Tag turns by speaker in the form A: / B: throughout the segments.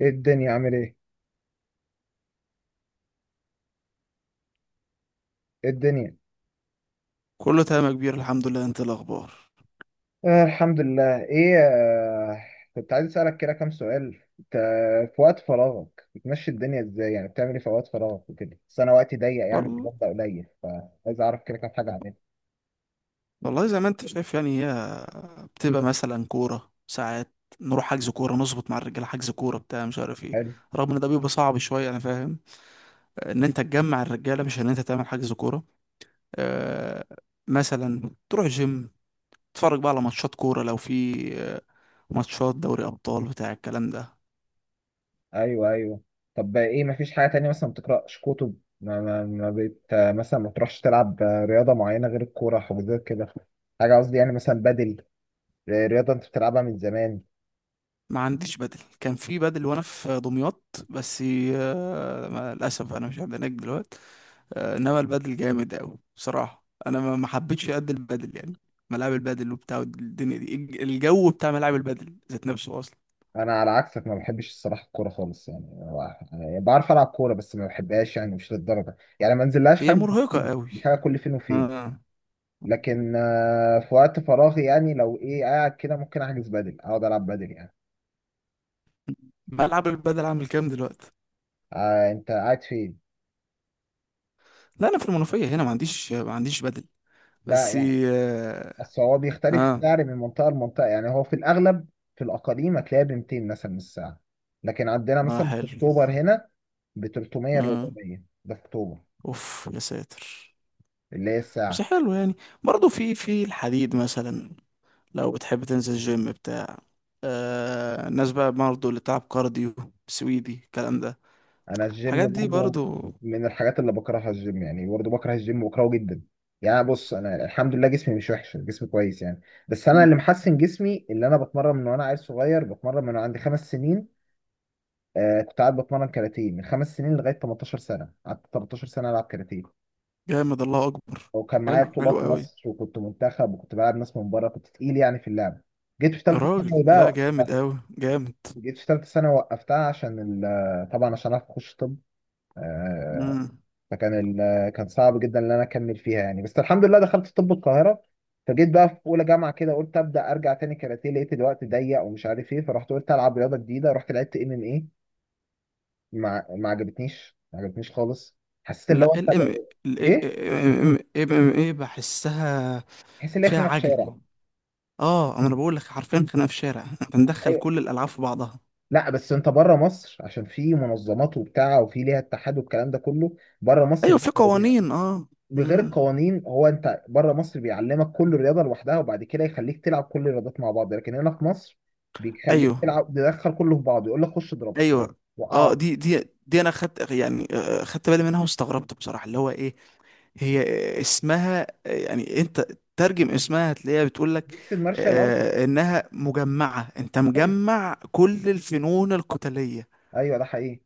A: ايه الدنيا عامل ايه؟ ايه الدنيا؟
B: كله تمام يا كبير، الحمد لله. انت إيه الاخبار؟
A: الحمد لله. ايه كنت عايز اسألك كده كام سؤال. انت في وقت فراغك بتمشي الدنيا ازاي؟ يعني بتعمل ايه في وقت فراغك وكده؟ بس انا وقتي ضيق يعني في
B: وال-
A: المبدأ قليل، فعايز اعرف كده كام حاجة اعملها.
B: والله زي ما انت شايف يعني، هي بتبقى مثلا كوره ساعات. نروح حجز كوره، نظبط مع الرجاله حجز كوره بتاع مش عارف ايه.
A: حلو.
B: رغم ان ده بيبقى صعب شويه، انا فاهم ان انت تجمع الرجاله مش ان انت تعمل حجز كوره. آه مثلا تروح جيم، تتفرج بقى على ماتشات كوره لو في آه، ماتشات دوري ابطال بتاع الكلام ده.
A: ايوه ايوه. طب ايه؟ مفيش حاجة تانية مثلا؟ ما بتقرأش كتب؟ ما, ما, ما بت آه، مثلا ما بتروحش تلعب رياضة معينة غير الكورة، حاجات كده؟ حاجة قصدي يعني، مثلا بدل رياضة انت بتلعبها من زمان.
B: ما عنديش بدل، كان في بدل وانا في دمياط، بس للاسف انا مش عند هناك دلوقتي. انما البادل جامد قوي بصراحه. انا ما حبيتش قد البادل يعني. ملاعب البادل وبتاع الدنيا دي الجو بتاع ملاعب البادل ذات نفسه اصلا.
A: انا على عكسك ما بحبش الصراحه الكوره خالص يعني. يعني بعرف العب كوره بس ما بحبهاش يعني، مش للدرجه، يعني ما انزلهاش
B: هي
A: حاجه
B: مرهقه
A: كتير،
B: قوي.
A: دي حاجه كل فين وفين.
B: آه.
A: لكن في وقت فراغي يعني لو ايه قاعد كده، ممكن احجز بدل، اقعد العب بدل يعني.
B: ملعب البادل عامل كام دلوقتي؟
A: آه انت قاعد فين؟
B: لا انا في المنوفيه هنا، ما عنديش بادل،
A: لا
B: بس
A: يعني
B: اه.
A: اصل هو بيختلف
B: اه,
A: السعر من منطقه لمنطقه، يعني هو في الاغلب في الاقاليم هتلاقيها ب 200 مثلا من الساعه، لكن عندنا
B: آه
A: مثلا في
B: حلو.
A: اكتوبر هنا ب 300
B: آه.
A: 400، ده في اكتوبر،
B: اوف يا ساتر.
A: اللي هي
B: بس
A: الساعه.
B: حلو يعني. برضه في الحديد مثلا، لو بتحب تنزل جيم بتاع آه، الناس بقى برضه اللي بتلعب كارديو، سويدي، الكلام ده،
A: انا الجيم
B: الحاجات دي
A: برضو
B: برضو.
A: من الحاجات اللي بكرهها، الجيم يعني برضو بكره الجيم، بكرهه جدا يعني. بص، انا الحمد لله جسمي مش وحش، جسمي كويس يعني. بس انا اللي محسن جسمي، اللي انا بتمرن من وانا عيل صغير، بتمرن من عندي خمس سنين. آه كنت قاعد بتمرن كاراتيه من خمس سنين لغايه 18 سنه، قعدت 13 سنه العب كاراتيه،
B: جامد، الله اكبر.
A: وكان معايا
B: حلو، حلو
A: بطولات
B: قوي.
A: مصر وكنت منتخب وكنت بلعب ناس من بره، كنت تقيل يعني في اللعب. جيت في ثالثه
B: راجل،
A: ثانوي بقى
B: لا جامد
A: وقفتها.
B: قوي، جامد.
A: جيت في ثالثه ثانوي وقفتها عشان طبعا عشان اعرف اخش طب. آه،
B: مم.
A: فكان كان صعب جدا ان انا اكمل فيها يعني، بس الحمد لله دخلت طب القاهره. فجيت بقى في اولى جامعه كده، قلت ابدا ارجع تاني كاراتيه، لقيت الوقت ضيق ومش عارف ايه، فرحت قلت العب رياضه جديده، رحت لعبت ام ام ايه. ما عجبتنيش، ما عجبتنيش خالص. حسيت اللي
B: لا
A: هو انت
B: ال
A: بقى
B: ام ال
A: ايه،
B: ام ام ايه بحسها
A: تحس ان
B: فيها
A: احنا في الشارع.
B: عجل. اه انا بقول لك حرفيا خناقه في الشارع، احنا بندخل
A: أيوة.
B: كل الالعاب في بعضها.
A: لا بس انت بره مصر عشان في منظمات وبتاع، وفي ليها اتحاد والكلام ده كله بره مصر.
B: ايوه في
A: لا،
B: قوانين، اه.
A: بغير
B: مم.
A: القوانين، هو انت بره مصر بيعلمك كل رياضه لوحدها، وبعد كده يخليك تلعب كل الرياضات مع بعض، لكن هنا في مصر بيخليك
B: ايوه
A: تلعب تدخل كله في بعضه، يقول لك خش اضرب
B: ايوه. اه،
A: وقعه.
B: دي انا خدت يعني، خدت بالي منها واستغربت بصراحه. اللي هو ايه، هي اسمها يعني، انت ترجم اسمها هتلاقيها بتقول لك
A: ميكس المارشال ارتست.
B: انها مجمعة، انت
A: ايوه
B: مجمع كل الفنون القتالية.
A: ايوه، ده حقيقي.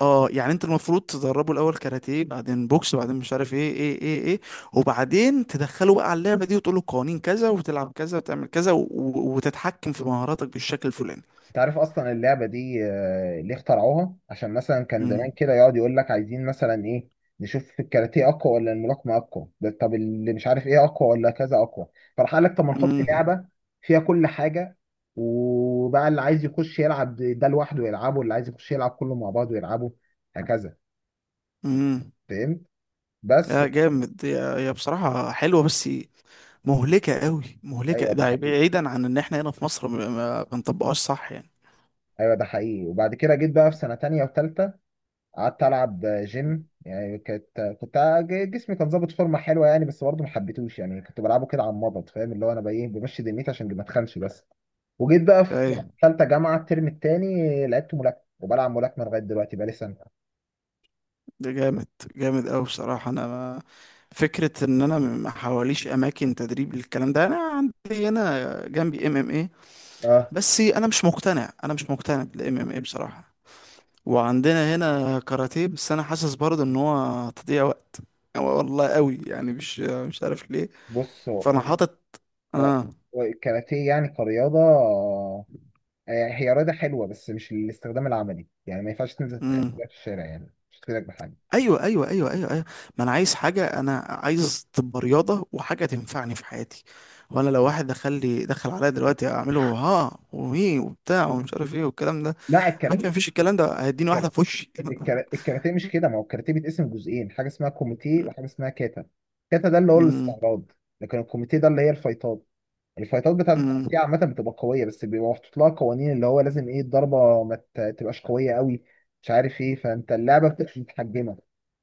B: اه يعني انت المفروض تدربه الاول كاراتيه، بعدين بوكس، بعدين مش عارف ايه ايه ايه ايه، وبعدين تدخله بقى على اللعبة دي وتقول له قوانين كذا، وتلعب كذا، وتعمل كذا، وتتحكم في مهاراتك بالشكل الفلاني.
A: انت عارف اصلا اللعبه دي ليه اخترعوها؟ عشان مثلا كان زمان
B: امم.
A: كده يقعد يقول لك عايزين مثلا ايه، نشوف الكاراتيه اقوى ولا الملاكمه اقوى، ده طب اللي مش عارف ايه اقوى ولا كذا اقوى. فراح قال لك طب ما نحط
B: امم.
A: لعبه فيها كل حاجه، وبقى اللي عايز يخش يلعب ده لوحده يلعبه، واللي عايز يخش يلعب كله مع بعضه يلعبه. هكذا،
B: امم.
A: فهمت؟ بس.
B: يا جامد. يا بصراحة حلوة، بس مهلكة قوي، مهلكة.
A: ايوه ده
B: ده
A: حقيقي.
B: بعيدا عن ان احنا هنا في مصر ما بنطبقهاش صح يعني.
A: ايوه ده حقيقي. وبعد كده جيت بقى في سنه تانية وتالتة، قعدت العب جيم يعني. كانت كنت جسمي كان ظابط فورمه حلوه يعني، بس برضه ما حبيتهوش يعني، كنت بلعبه كده على المضض، فاهم؟ اللي هو انا بقى ايه، بمشي دنيتي عشان ما اتخنش بس. وجيت بقى في
B: ايه
A: ثالثه جامعه الترم الثاني لعبت ملاكمه، وبلعب ملاكمه لغايه دلوقتي، بقى لي سنه.
B: ده جامد، جامد قوي بصراحة. انا ما فكرة ان انا ما حواليش اماكن تدريب للكلام ده. انا عندي هنا جنبي ام ام ايه،
A: اه.
B: بس انا مش مقتنع، انا مش مقتنع بالام ام ايه بصراحة. وعندنا هنا كاراتيه، بس انا حاسس برضه ان هو تضييع وقت. والله قوي يعني، مش عارف ليه.
A: بص
B: فانا حاطط
A: اه.
B: اه.
A: هو الكاراتيه يعني كرياضه، يعني هي رياضه حلوه بس مش الاستخدام العملي يعني. ما ينفعش تنزل تخبط
B: امم.
A: في الشارع يعني، مش هتفيدك بحاجه.
B: ايوه ايوه ايوه ايوه ايوه. ما انا عايز حاجه، انا عايز تبقى رياضه وحاجه تنفعني في حياتي. وانا لو واحد دخل عليا دلوقتي اعمله ها وهي وبتاع ومش عارف ايه والكلام ده،
A: لا
B: عارف
A: الكاراتيه.
B: مفيش. الكلام ده هيديني واحده في وشي.
A: الكاراتيه مش كده، ما هو الكاراتيه بيتقسم جزئين، حاجه اسمها كوميتيه وحاجه اسمها كاتا. كاتا ده اللي هو
B: أمم،
A: الاستعراض، لكن الكوميتيه ده اللي هي الفايتات. الفايتات بتاعت
B: أمم،
A: الكوميتيه عامه بتبقى قويه، بس بيبقى محطوط لها قوانين، اللي هو لازم ايه الضربه ما تبقاش قويه قوي، مش عارف ايه، فانت اللعبه بتبقى متحجمه،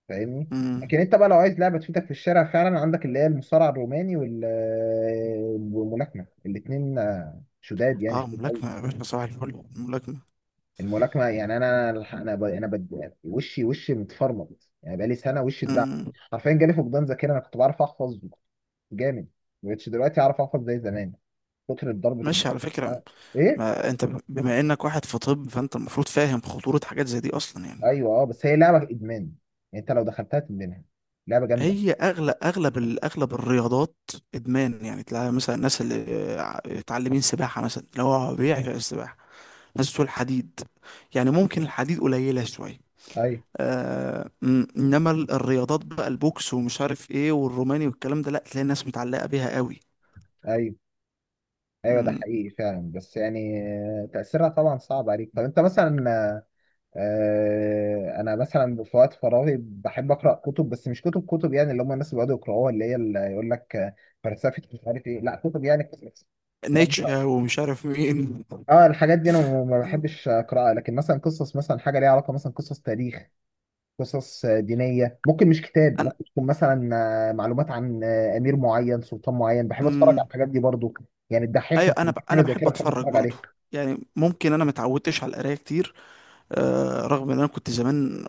A: فاهمني؟
B: أمم.
A: لكن انت بقى لو عايز لعبه تفيدك في الشارع فعلا، عندك اللي هي المصارعه الروماني والملاكمه، الاثنين شداد يعني،
B: اه
A: شداد.
B: ملاكمه يا باشا، صباح الفل، ملاكمه.
A: الملاكمه يعني، وشي، وشي متفرمط يعني بقالي سنه، وشي اتدعم
B: أمم.
A: حرفيا. جالي فقدان ذاكره، انا كنت بعرف احفظ جامد، ما بقتش دلوقتي اعرف احفظ زي زمان، كتر الضرب في
B: ماشي
A: الدماغ.
B: على فكره.
A: آه. ايه؟
B: ما انت بما انك واحد في طب، فانت المفروض فاهم خطوره حاجات زي دي اصلا يعني.
A: ايوه اه، بس هي لعبه ادمان يعني، انت لو دخلتها تدمنها، لعبه جامده.
B: هي اغلب الرياضات ادمان يعني. تلاقي مثلا الناس اللي متعلمين سباحه مثلا، اللي هو بيعشق السباحه. ناس بتقول حديد، يعني ممكن الحديد قليله شويه.
A: ايوه
B: انما الرياضات بقى، البوكس ومش عارف ايه والروماني والكلام ده، لا تلاقي الناس متعلقه بيها قوي.
A: ايوه ايوه، ده
B: م-
A: حقيقي فعلا، بس يعني تاثيرها طبعا صعب عليك. طب انت مثلا، انا مثلا في وقت فراغي بحب اقرا كتب، بس مش كتب كتب يعني، اللي هم الناس اللي بيقعدوا يقراوها، اللي هي اللي يقول لك فلسفه مش عارف ايه، لا كتب يعني قصص.
B: نيتشه ومش عارف مين.
A: اه الحاجات دي انا ما بحبش اقراها، لكن مثلا قصص، مثلا حاجه ليها علاقه مثلا قصص تاريخ، قصص دينيه، ممكن مش كتاب،
B: انا
A: ممكن تكون مثلا معلومات عن امير معين، سلطان معين. بحب اتفرج على
B: امم.
A: الحاجات دي برضو، يعني الدحيح
B: ايوه
A: لما
B: انا ب...
A: بيجيب
B: انا
A: حاجه زي
B: بحب
A: كده بحب
B: اتفرج
A: اتفرج
B: برضو.
A: عليه.
B: يعني ممكن انا متعودتش على القرايه كتير، آه رغم ان انا كنت زمان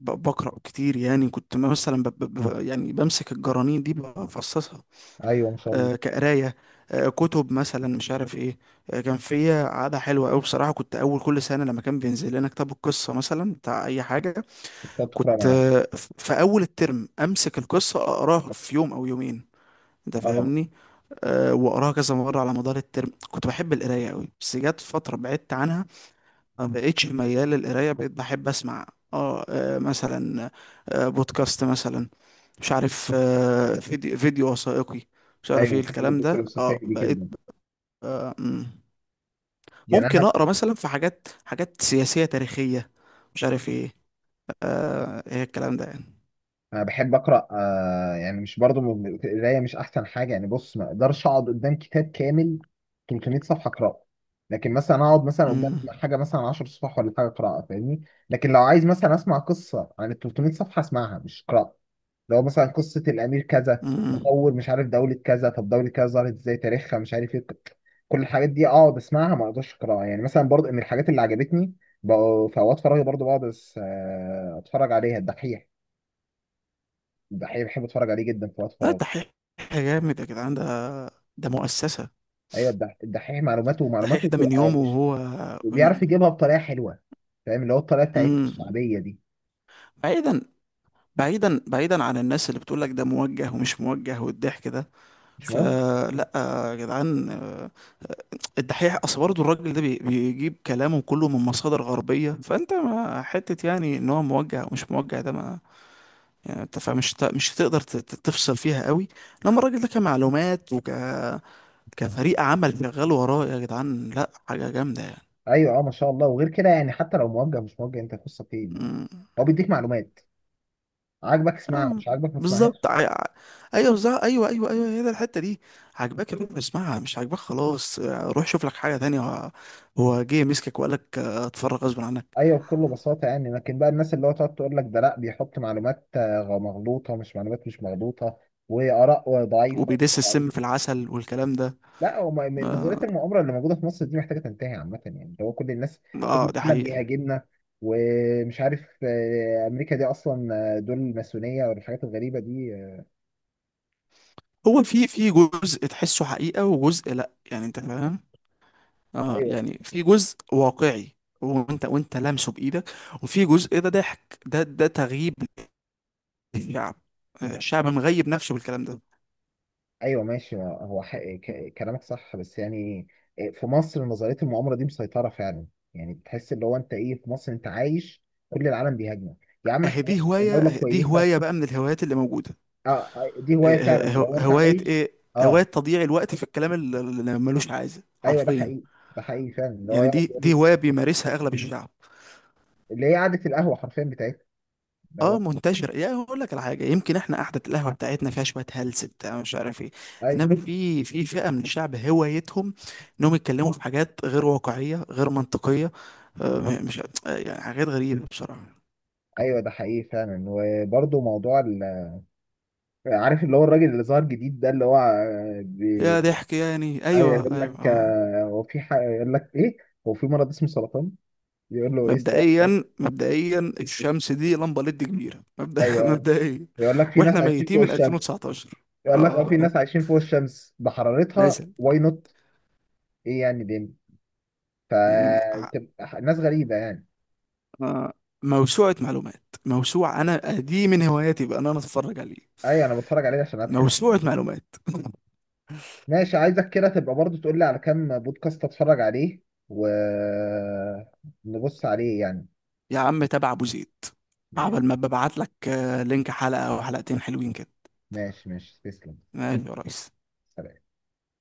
B: بقرأ كتير يعني. كنت مثلا يعني بمسك الجرانين دي بفصصها،
A: ايوه ما شاء الله.
B: آه كقراية، آه كتب مثلا مش عارف ايه. آه كان فيا عادة حلوة أوي بصراحة. كنت أول كل سنة لما كان بينزل لنا كتاب القصة مثلا بتاع أي حاجة،
A: بتقعد تقرا
B: كنت
A: مع نفسك؟
B: آه في أول الترم أمسك القصة أقراها في يوم أو يومين، انت
A: اه.
B: فاهمني؟ أه واقراها كذا مره على مدار الترم. كنت بحب القرايه قوي، بس جت فتره بعدت عنها، ما بقتش ميال للقرايه، بقيت بحب اسمع. اه مثلا بودكاست مثلا، مش عارف، فيديو وثائقي، مش عارف
A: ايوه
B: ايه
A: بحب
B: الكلام
A: الدكتور
B: ده.
A: الفلسفي
B: اه
A: دي
B: بقيت
A: جدا
B: آه مم.
A: يعني.
B: ممكن
A: انا
B: اقرا مثلا في حاجات سياسية تاريخية، مش عارف ايه، آه ايه الكلام ده يعني.
A: انا بحب اقرا آه، يعني مش برضو، القرايه مش احسن حاجه يعني. بص، ما اقدرش اقعد قدام كتاب كامل 300 صفحه اقراه، لكن مثلا اقعد مثلا قدام
B: امم.
A: حاجه مثلا 10 صفح ولا حاجه اقراها، فاهمني؟ لكن لو عايز مثلا اسمع قصه عن ال 300 صفحه، اسمعها مش اقراها. لو مثلا قصه الامير كذا،
B: امم.
A: تطور مش عارف دوله كذا، طب دوله كذا ظهرت ازاي، تاريخها مش عارف ايه، كل الحاجات دي اقعد اسمعها، ما اقدرش اقراها يعني. مثلا برضو من الحاجات اللي عجبتني بقوا في اوقات فراغي برضو بقعد اتفرج عليها الدحيح. الدحيح بحب اتفرج عليه جدا في وقت
B: لا
A: فراغ.
B: دحيح جامد يا جدعان، ده ده مؤسسة.
A: ايوه الدحيح معلوماته،
B: دحيح
A: ومعلوماته
B: ده من
A: بتبقى
B: يومه
A: مش،
B: وهو.
A: بيعرف يجيبها بطريقه حلوه، فاهم؟ اللي هو الطريقه بتاعت
B: امم.
A: الشعبيه دي.
B: بعيدا، بعيدا عن الناس اللي بتقول لك ده موجه ومش موجه والضحك ده،
A: مش مهم.
B: فلا يا جدعان. الدحيح اصل برضه الراجل ده بيجيب كلامه كله من مصادر غربية. فانت ما حتة يعني ان هو موجه او مش موجه، ده ما يعني. انت فمش ت- مش هتقدر تفصل فيها قوي لما الراجل ده كمعلومات وك كفريق عمل شغال وراه، يا جدعان لا، حاجة جامدة يعني.
A: ايوه اه ما شاء الله. وغير كده يعني حتى لو موجه مش موجه، انت قصه فين يعني.
B: أمم.
A: هو بيديك معلومات، عاجبك اسمعها،
B: آه،
A: مش عاجبك ما
B: بالظبط
A: تسمعهاش.
B: ع- ع- ايوه بالظبط ايوه ايوه ايوه، هي ده الحتة دي. عجباك يا باشا اسمعها، مش عجباك خلاص، روح شوف لك حاجة تانية. هو جه مسكك وقال لك اتفرج غصب عنك؟
A: ايوه بكل بساطه يعني. لكن بقى الناس اللي هو تقعد تقول لك ده لا بيحط معلومات مغلوطه، مش معلومات مش مغلوطه، واراء ضعيفه.
B: وبيدس السم في العسل والكلام ده.
A: لا هو من نظريه
B: اه
A: المؤامره اللي موجوده في مصر دي محتاجه تنتهي عامه يعني، اللي هو كل الناس، كل
B: ده
A: العالم
B: حقيقة.
A: بيهاجمنا، ومش عارف امريكا دي اصلا دول الماسونيه والحاجات الغريبه دي
B: هو في في جزء تحسه حقيقة وجزء لا، يعني انت فاهم. اه
A: ايوه
B: يعني في جزء واقعي، وانت لامسه بايدك، وفي جزء ده ضحك، ده تغييب للشعب. الشعب مغيب نفسه بالكلام ده.
A: ايوه ماشي. هو كلامك صح بس يعني، في مصر نظريه المؤامره دي مسيطره فعلا، يعني تحس اللي هو انت ايه، في مصر انت عايش، كل العالم بيهاجمك. يا عم
B: اهي
A: احنا
B: دي
A: ماشي، إحنا دوله
B: هواية، دي
A: كويسه.
B: هواية بقى من الهوايات اللي موجودة.
A: اه دي هوايه
B: آه،
A: فعلا
B: آه،
A: لو انت
B: هواية
A: عايش.
B: ايه،
A: اه.
B: هواية تضييع الوقت في الكلام اللي ملوش عايزة
A: ايوه ده
B: حرفيا.
A: حقيقي، ده حقيقي فعلا، اللي هو
B: يعني
A: يقعد
B: دي دي
A: يقول،
B: هواية بيمارسها اغلب الشعب.
A: اللي هي قعدة القهوة حرفيا بتاعتها، اللي هو.
B: اه منتشر. يا هقول لك على حاجه، يمكن احنا قعده القهوه بتاعتنا فيها شويه هلس بتاع مش عارف ايه،
A: ايوه
B: انما في فئه من الشعب هوايتهم انهم يتكلموا في حاجات غير واقعيه غير منطقيه. آه، مش آه، يعني حاجات غريبه بصراحه.
A: ايوه ده حقيقي فعلا. وبرضه موضوع عارف اللي هو الراجل اللي ظهر جديد ده، اللي هو
B: يا ضحك يعني،
A: ايوه.
B: ايوه
A: يقول
B: ايوه
A: لك
B: اه.
A: هو في يقول لك ايه، هو في مرض اسمه سرطان، يقول له ايه السؤال؟
B: مبدئيا الشمس دي لمبه ليد كبيره، مبدأ.
A: ايوه
B: مبدئيا
A: يقول لك في ناس
B: واحنا
A: عايشين
B: ميتين
A: فوق
B: من
A: الشمس.
B: 2019.
A: يقول لك اه، في
B: اه
A: ناس عايشين فوق الشمس بحرارتها
B: مثلا،
A: واي نوت. ايه يعني دي، فتبقى ناس غريبة يعني.
B: آه، موسوعة معلومات، أنا دي من هواياتي بقى إن أنا أتفرج عليه.
A: ايوه انا بتفرج عليه عشان اضحك.
B: موسوعة معلومات.
A: ماشي، عايزك كده تبقى برضو تقول لي على كام بودكاست اتفرج عليه ونبص عليه يعني.
B: يا عم تابع أبو زيد.
A: ماشي
B: عبل ما ببعت لك لينك حلقة أو حلقتين حلوين كده.
A: ماشي ماشي، تسلم.
B: ماشي يا ريس.
A: سلام.